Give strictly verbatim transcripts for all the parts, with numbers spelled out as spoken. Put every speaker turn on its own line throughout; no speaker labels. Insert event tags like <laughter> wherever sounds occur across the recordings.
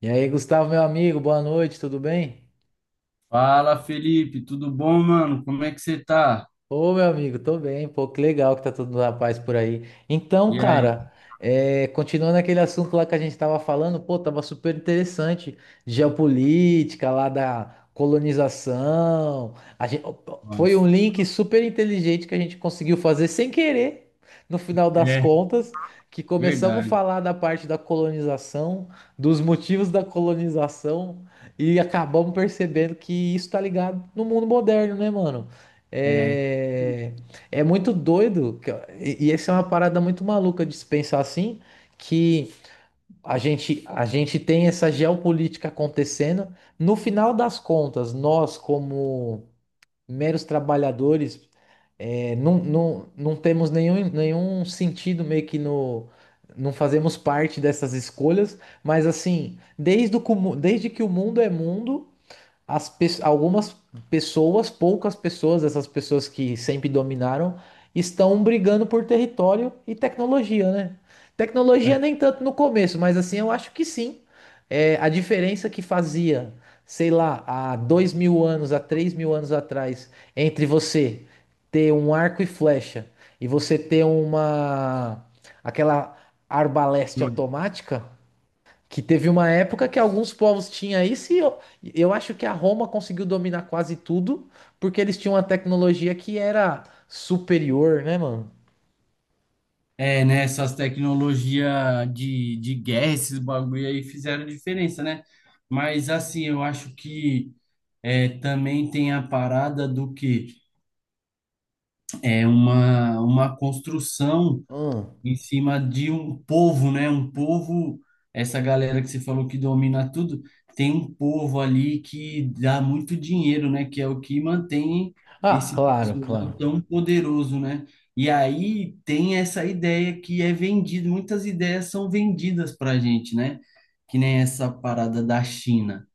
E aí, Gustavo, meu amigo, boa noite, tudo bem?
Fala, Felipe, tudo bom, mano? Como é que você tá?
Ô, meu amigo, tô bem, pô, que legal que tá todo na paz por aí. Então,
E aí?
cara, é, continuando aquele assunto lá que a gente tava falando, pô, tava super interessante, geopolítica lá da colonização. a gente, Foi um
Nossa.
link super inteligente que a gente conseguiu fazer sem querer, no final das
É,
contas, que começamos a
verdade.
falar da parte da colonização, dos motivos da colonização, e acabamos percebendo que isso tá ligado no mundo moderno, né, mano?
É.
É, é muito doido, que- e, e essa é uma parada muito maluca de se pensar assim, que a gente, a gente tem essa geopolítica acontecendo. No final das contas, nós, como meros trabalhadores, é, não, não, não temos nenhum, nenhum sentido meio que no. Não fazemos parte dessas escolhas, mas assim, desde, o, comu- desde que o mundo é mundo, as pe- algumas pessoas, poucas pessoas, essas pessoas que sempre dominaram, estão brigando por território e tecnologia, né? Tecnologia nem tanto no começo, mas assim eu acho que sim. É, a diferença que fazia, sei lá, há dois mil anos, há três mil anos atrás, entre você ter um arco e flecha e você ter uma aquela arbaleste automática. Que teve uma época que alguns povos tinham isso e eu, eu acho que a Roma conseguiu dominar quase tudo porque eles tinham uma tecnologia que era superior, né, mano?
É, né? Essas tecnologias de, de guerra, esses bagulho aí fizeram diferença, né? Mas assim, eu acho que é, também tem a parada do que é uma, uma construção
Hum.
em cima de um povo, né? Um povo, essa galera que você falou que domina tudo, tem um povo ali que dá muito dinheiro, né? Que é o que mantém
Ah,
esse
claro,
pessoal
claro.
tão poderoso, né? E aí tem essa ideia que é vendida, muitas ideias são vendidas para a gente, né? Que nem essa parada da China.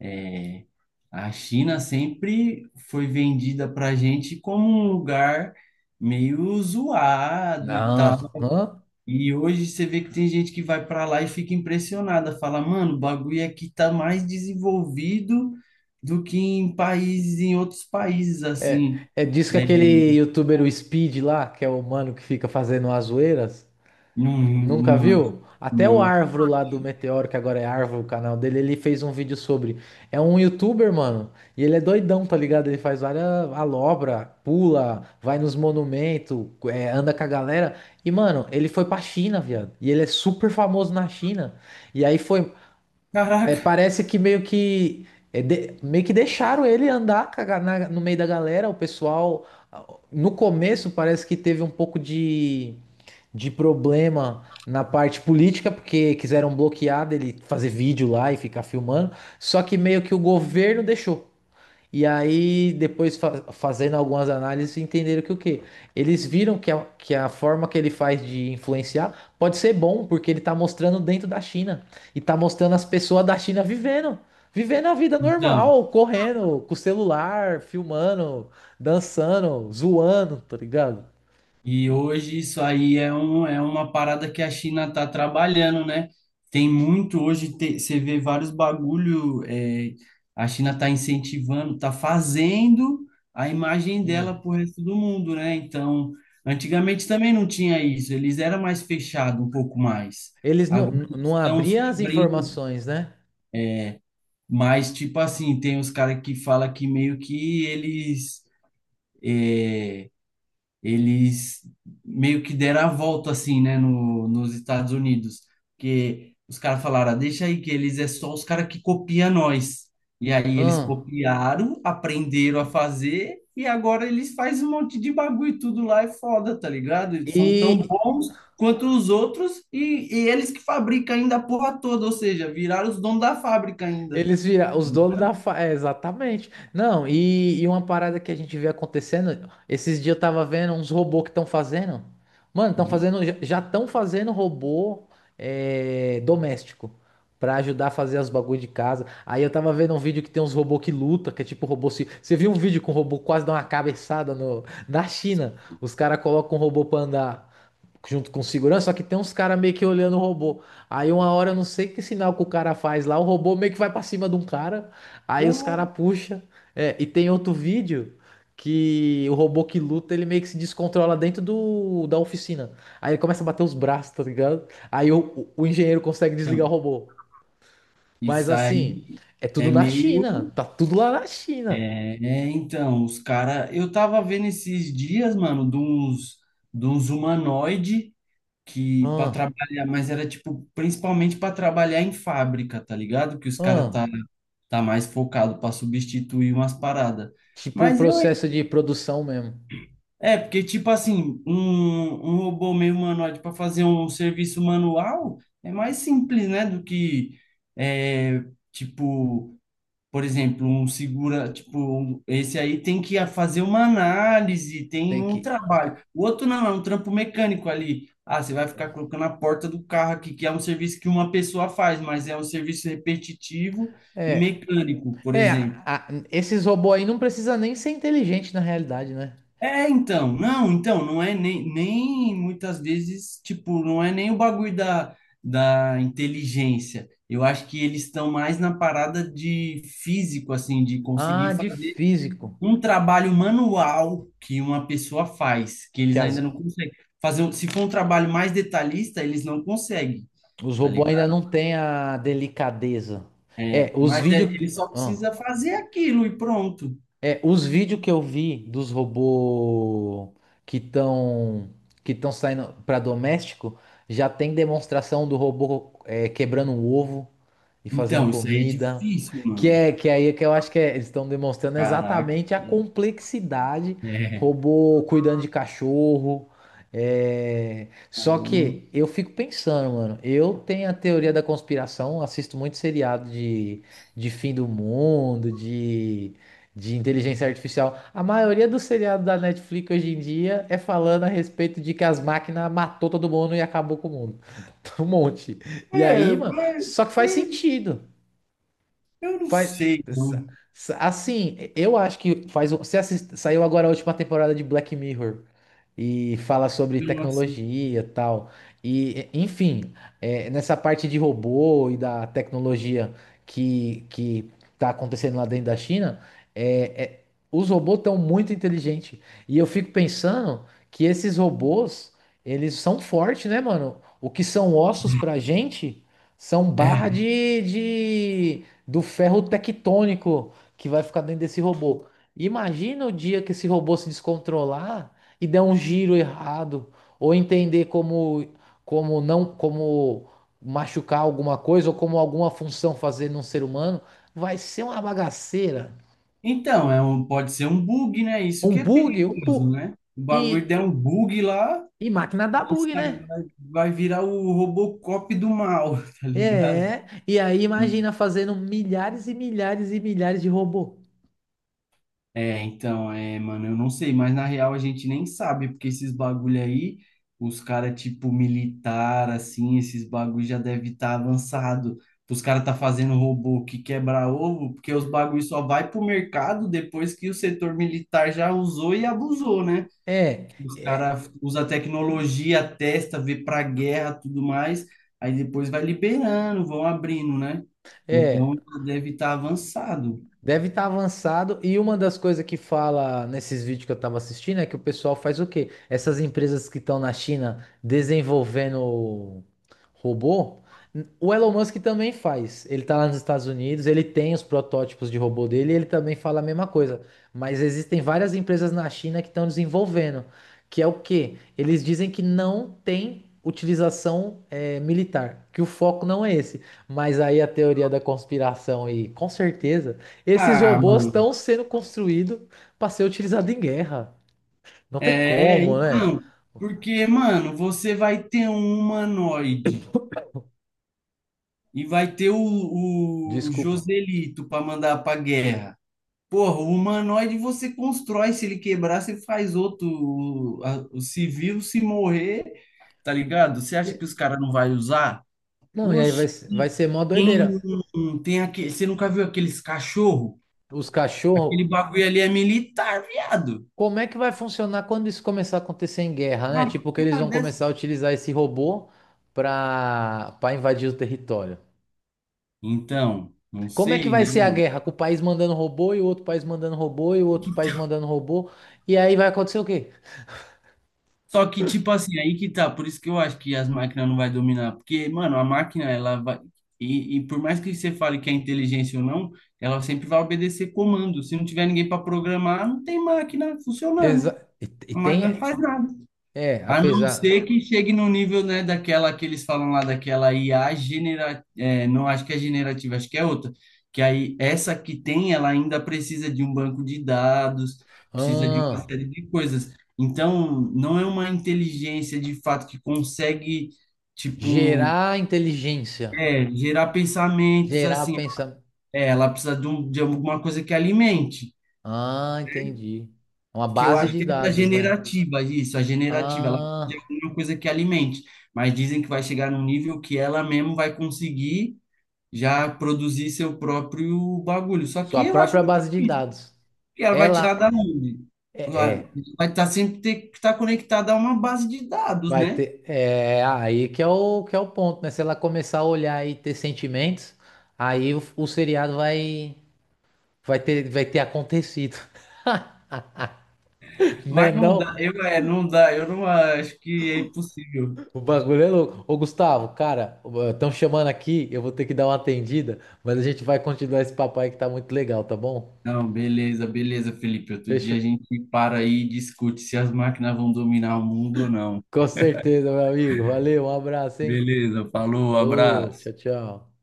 É, a China sempre foi vendida para a gente como um lugar meio zoado e tal
Aham.
e hoje você vê que tem gente que vai para lá e fica impressionada, fala, mano, o bagulho aqui tá mais desenvolvido do que em países, em outros países,
É,
assim.
é disso que
É,
aquele youtuber, o Speed lá, que é o mano que fica fazendo as zoeiras.
não,
Nunca
não,
viu? Até o
não.
Arvro lá do Meteoro, que agora é Arvro o canal dele, ele fez um vídeo sobre. É um youtuber, mano. E ele é doidão, tá ligado? Ele faz várias alobra, pula, vai nos monumentos, é, anda com a galera. E, mano, ele foi pra China, viado. E ele é super famoso na China. E aí foi, é,
Caraca,
parece que meio que, é, de- meio que deixaram ele andar com a ga-, na-, no meio da galera. O pessoal, ah, no começo parece que teve um pouco de, de, problema na parte política, porque quiseram bloquear dele fazer vídeo lá e ficar filmando. Só que meio que o governo deixou. E aí, depois fa- fazendo algumas análises, entenderam que o quê? Eles viram que a, que a forma que ele faz de influenciar pode ser bom, porque ele tá mostrando dentro da China. E tá mostrando as pessoas da China vivendo. Vivendo a vida
então,
normal, correndo, com o celular, filmando, dançando, zoando, tá ligado?
e hoje isso aí é, um, é uma parada que a China está trabalhando, né? Tem muito hoje, te- você vê vários bagulho, é, a China está incentivando, está fazendo a imagem dela
Hum.
para o resto do mundo, né? Então, antigamente também não tinha isso, eles eram mais fechados um pouco mais.
Eles não,
Agora
não
eles
não
estão se
abriam as
abrindo
informações, né?
mais, tipo assim, tem os caras que falam que meio que eles eles meio que deram a volta assim, né, no, nos Estados Unidos, porque os caras falaram, "Ah, deixa aí que eles é só os caras que copia nós. E aí eles
Hum.
copiaram, aprenderam a fazer e agora eles fazem um monte de bagulho e tudo lá é foda, tá ligado? Eles são tão
E,
bons quanto os outros e, e eles que fabricam ainda a porra toda, ou seja, viraram os donos da fábrica ainda.
Eles viram os
Um
donos da fa-, é, exatamente. Não, e, e uma parada que a gente vê acontecendo, esses dias eu tava vendo uns robôs que estão fazendo. Mano, estão fazendo, já estão fazendo robô, é, doméstico pra ajudar a fazer os bagulho de casa. Aí eu tava vendo um vídeo que tem uns robôs que luta, que é tipo robô se, você viu um vídeo com um robô quase dá uma cabeçada no, na China? Os caras colocam um robô pra andar junto com segurança, só que tem uns caras meio que olhando o robô. Aí uma hora, eu não sei que sinal que o cara faz lá, o robô meio que vai pra cima de um cara, aí os
pulo,
caras puxa. É, e tem outro vídeo que o robô que luta, ele meio que se descontrola dentro do, da oficina. Aí ele começa a bater os braços, tá ligado? Aí o, o o engenheiro consegue desligar o
então,
robô. Mas
isso
assim,
aí
é tudo
é
na
meio
China, tá tudo lá na China.
é, é, então, os caras. Eu tava vendo esses dias, mano, de uns, de uns humanoide que para
Ah,
trabalhar, mas era tipo, principalmente para trabalhar em fábrica, tá ligado? Que os caras
ah.
tá, tá mais focado para substituir umas paradas.
Tipo o
Mas eu.
processo de produção mesmo.
É, porque, tipo assim, um, um robô meio humanoide para fazer um serviço manual é mais simples, né? Do que, é, tipo, por exemplo, um segura, tipo, um- esse aí tem que a- fazer uma análise, tem
Tem
um
que.
trabalho. O outro não, é um trampo mecânico ali. Ah, você vai ficar colocando a porta do carro aqui, que é um serviço que uma pessoa faz, mas é um serviço repetitivo e
É,
mecânico, por
é,
exemplo.
a-, esses robôs aí não precisa nem ser inteligente na realidade, né?
É, então, não, então, não é nem, nem muitas vezes, tipo, não é nem o bagulho da, da inteligência. Eu acho que eles estão mais na parada de físico, assim, de conseguir
Ah, de
fazer
físico.
um trabalho manual que uma pessoa faz, que
Que
eles ainda não
as-,
conseguem fazer. um- Se for um trabalho mais detalhista, eles não conseguem,
os
tá
robôs ainda
ligado?
não têm a delicadeza. É,
É,
os
mas é-
vídeos,
ele só precisa fazer aquilo e pronto.
é, os vídeos que eu vi dos robôs que estão, que estão saindo para doméstico já tem demonstração do robô, é, quebrando um ovo e fazendo
Então, isso aí é
comida.
difícil,
Que
mano.
é, que é aí que eu acho que é-, eles estão demonstrando
Caraca.
exatamente a complexidade,
É,
robô cuidando de cachorro. É. Só
caramba.
que eu fico pensando, mano, eu tenho a teoria da conspiração, assisto muito seriado de, de fim do mundo, de, de inteligência artificial. A maioria dos seriados da Netflix hoje em dia é falando a respeito de que as máquinas matou todo mundo e acabou com o mundo. <laughs> Um monte. E
É,
aí, mano.
mas
Só que faz
eu,
sentido.
eu não
Faz,
sei, não.
assim, eu acho que faz. um- Você assist- saiu agora a última temporada de Black Mirror e fala sobre
Eu não assisti.
tecnologia e tal. E, e- enfim, é, nessa parte de robô e da tecnologia que, que tá acontecendo lá dentro da China, é, é-, os robôs estão muito inteligentes. E eu fico pensando que esses robôs, eles são fortes, né, mano? O que são ossos pra gente são
É.
barra de, de do ferro tectônico que vai ficar dentro desse robô. Imagina o dia que esse robô se descontrolar e der um giro errado, ou entender como, como não, como machucar alguma coisa, ou como alguma função fazer num ser humano, vai ser uma bagaceira.
Então, é um, pode ser um bug, né? Isso
Um
que é
bug, um
perigoso,
bu
né? O bagulho
e,
der um bug lá.
e máquina dá
Esse
bug, né?
cara vai vai virar o Robocop do mal, <laughs> tá ligado?
É, e aí imagina fazendo milhares e milhares e milhares de robô.
É, então, é, mano, eu não sei, mas na real a gente nem sabe, porque esses bagulho aí, os cara tipo militar, assim, esses bagulho já deve estar avançado. Os cara tá fazendo robô que quebra ovo, porque os bagulho só vai pro mercado depois que o setor militar já usou e abusou, né?
É,
Os
é,
caras usam tecnologia, testa, vê pra guerra, tudo mais. Aí depois vai liberando, vão abrindo, né?
é.
Então deve estar avançado.
Deve estar avançado. E uma das coisas que fala nesses vídeos que eu estava assistindo é que o pessoal faz o quê? Essas empresas que estão na China desenvolvendo robô, o Elon Musk também faz. Ele está lá nos Estados Unidos, ele tem os protótipos de robô dele, e ele também fala a mesma coisa. Mas existem várias empresas na China que estão desenvolvendo, que é o quê? Eles dizem que não tem utilização, eh, militar, que o foco não é esse. Mas aí a teoria da conspiração, e com certeza. Esses
Ah,
robôs
mano.
estão sendo construídos para ser utilizado em guerra. Não tem
É,
como, né?
então. Porque, mano, você vai ter um humanoide e vai ter o, o
Desculpa.
Joselito pra mandar pra guerra. Porra, o humanoide você constrói. Se ele quebrar, você faz outro. O, a- o- se se morrer, tá ligado? Você acha que os
E-
caras não vai usar?
Não, e aí
Oxi,
vai, se- vai ser mó
tem,
doideira.
um- tem aquele, você nunca viu aqueles cachorro?
Os
Aquele
cachorros,
bagulho ali é militar, viado.
como é que vai funcionar quando isso começar a acontecer em guerra, né?
Uma
Tipo, que eles
porra
vão
dessa.
começar a utilizar esse robô para para invadir o território.
Então, não
Como é que
sei,
vai
né,
ser a
mano?
guerra? Com o país mandando robô e o outro país mandando robô e o outro país mandando robô. E aí vai acontecer o quê?
Só que, tipo assim, aí que tá. Por isso que eu acho que as máquinas não vai dominar. Porque, mano, a máquina, ela vai. E, e por mais que você fale que é inteligência ou não, ela sempre vai obedecer comando. Se não tiver ninguém para programar, não tem máquina funcionando.
Exa-, e, e
A máquina não
tem.
faz nada.
É,
A não
apesar.
ser que chegue no nível, né, daquela que eles falam lá, daquela I A generativa, não acho que é generativa, acho que é outra, que aí essa que tem, ela ainda precisa de um banco de dados, precisa de uma
Ah.
série de coisas. Então, não é uma inteligência de fato que consegue, tipo,
Gerar inteligência.
é, gerar pensamentos
Gerar
assim.
pensamento.
É, ela precisa de, um, de alguma coisa que alimente.
Ah, entendi. É, uma
Que eu
base
acho
de
que é a
dados, né?
generativa, isso, a generativa, ela precisa de
Ah,
alguma coisa que alimente, mas dizem que vai chegar num nível que ela mesmo vai conseguir já produzir seu próprio bagulho. Só
sua
que eu acho
própria
muito
base de
difícil,
dados.
porque ela vai tirar da
Ela
onde?
é, é,
Vai estar sempre ter que estar conectada a uma base de dados,
vai
né?
ter. É, é aí que é o, que é o ponto, né? Se ela começar a olhar e ter sentimentos, aí o, o seriado vai, vai ter, vai ter acontecido. <laughs> Né,
Mas não
não?
dá, eu é, não dá, eu não acho que é impossível.
O bagulho é louco. Ô, Gustavo, cara, estão chamando aqui, eu vou ter que dar uma atendida, mas a gente vai continuar esse papo aí que tá muito legal, tá bom?
Não, beleza, beleza, Felipe. Outro dia
Fechou.
a gente para aí e discute se as máquinas vão dominar o mundo ou não.
Com certeza, meu amigo. Valeu, um abraço, hein?
Beleza, falou,
Falou,
abraço.
tchau, tchau.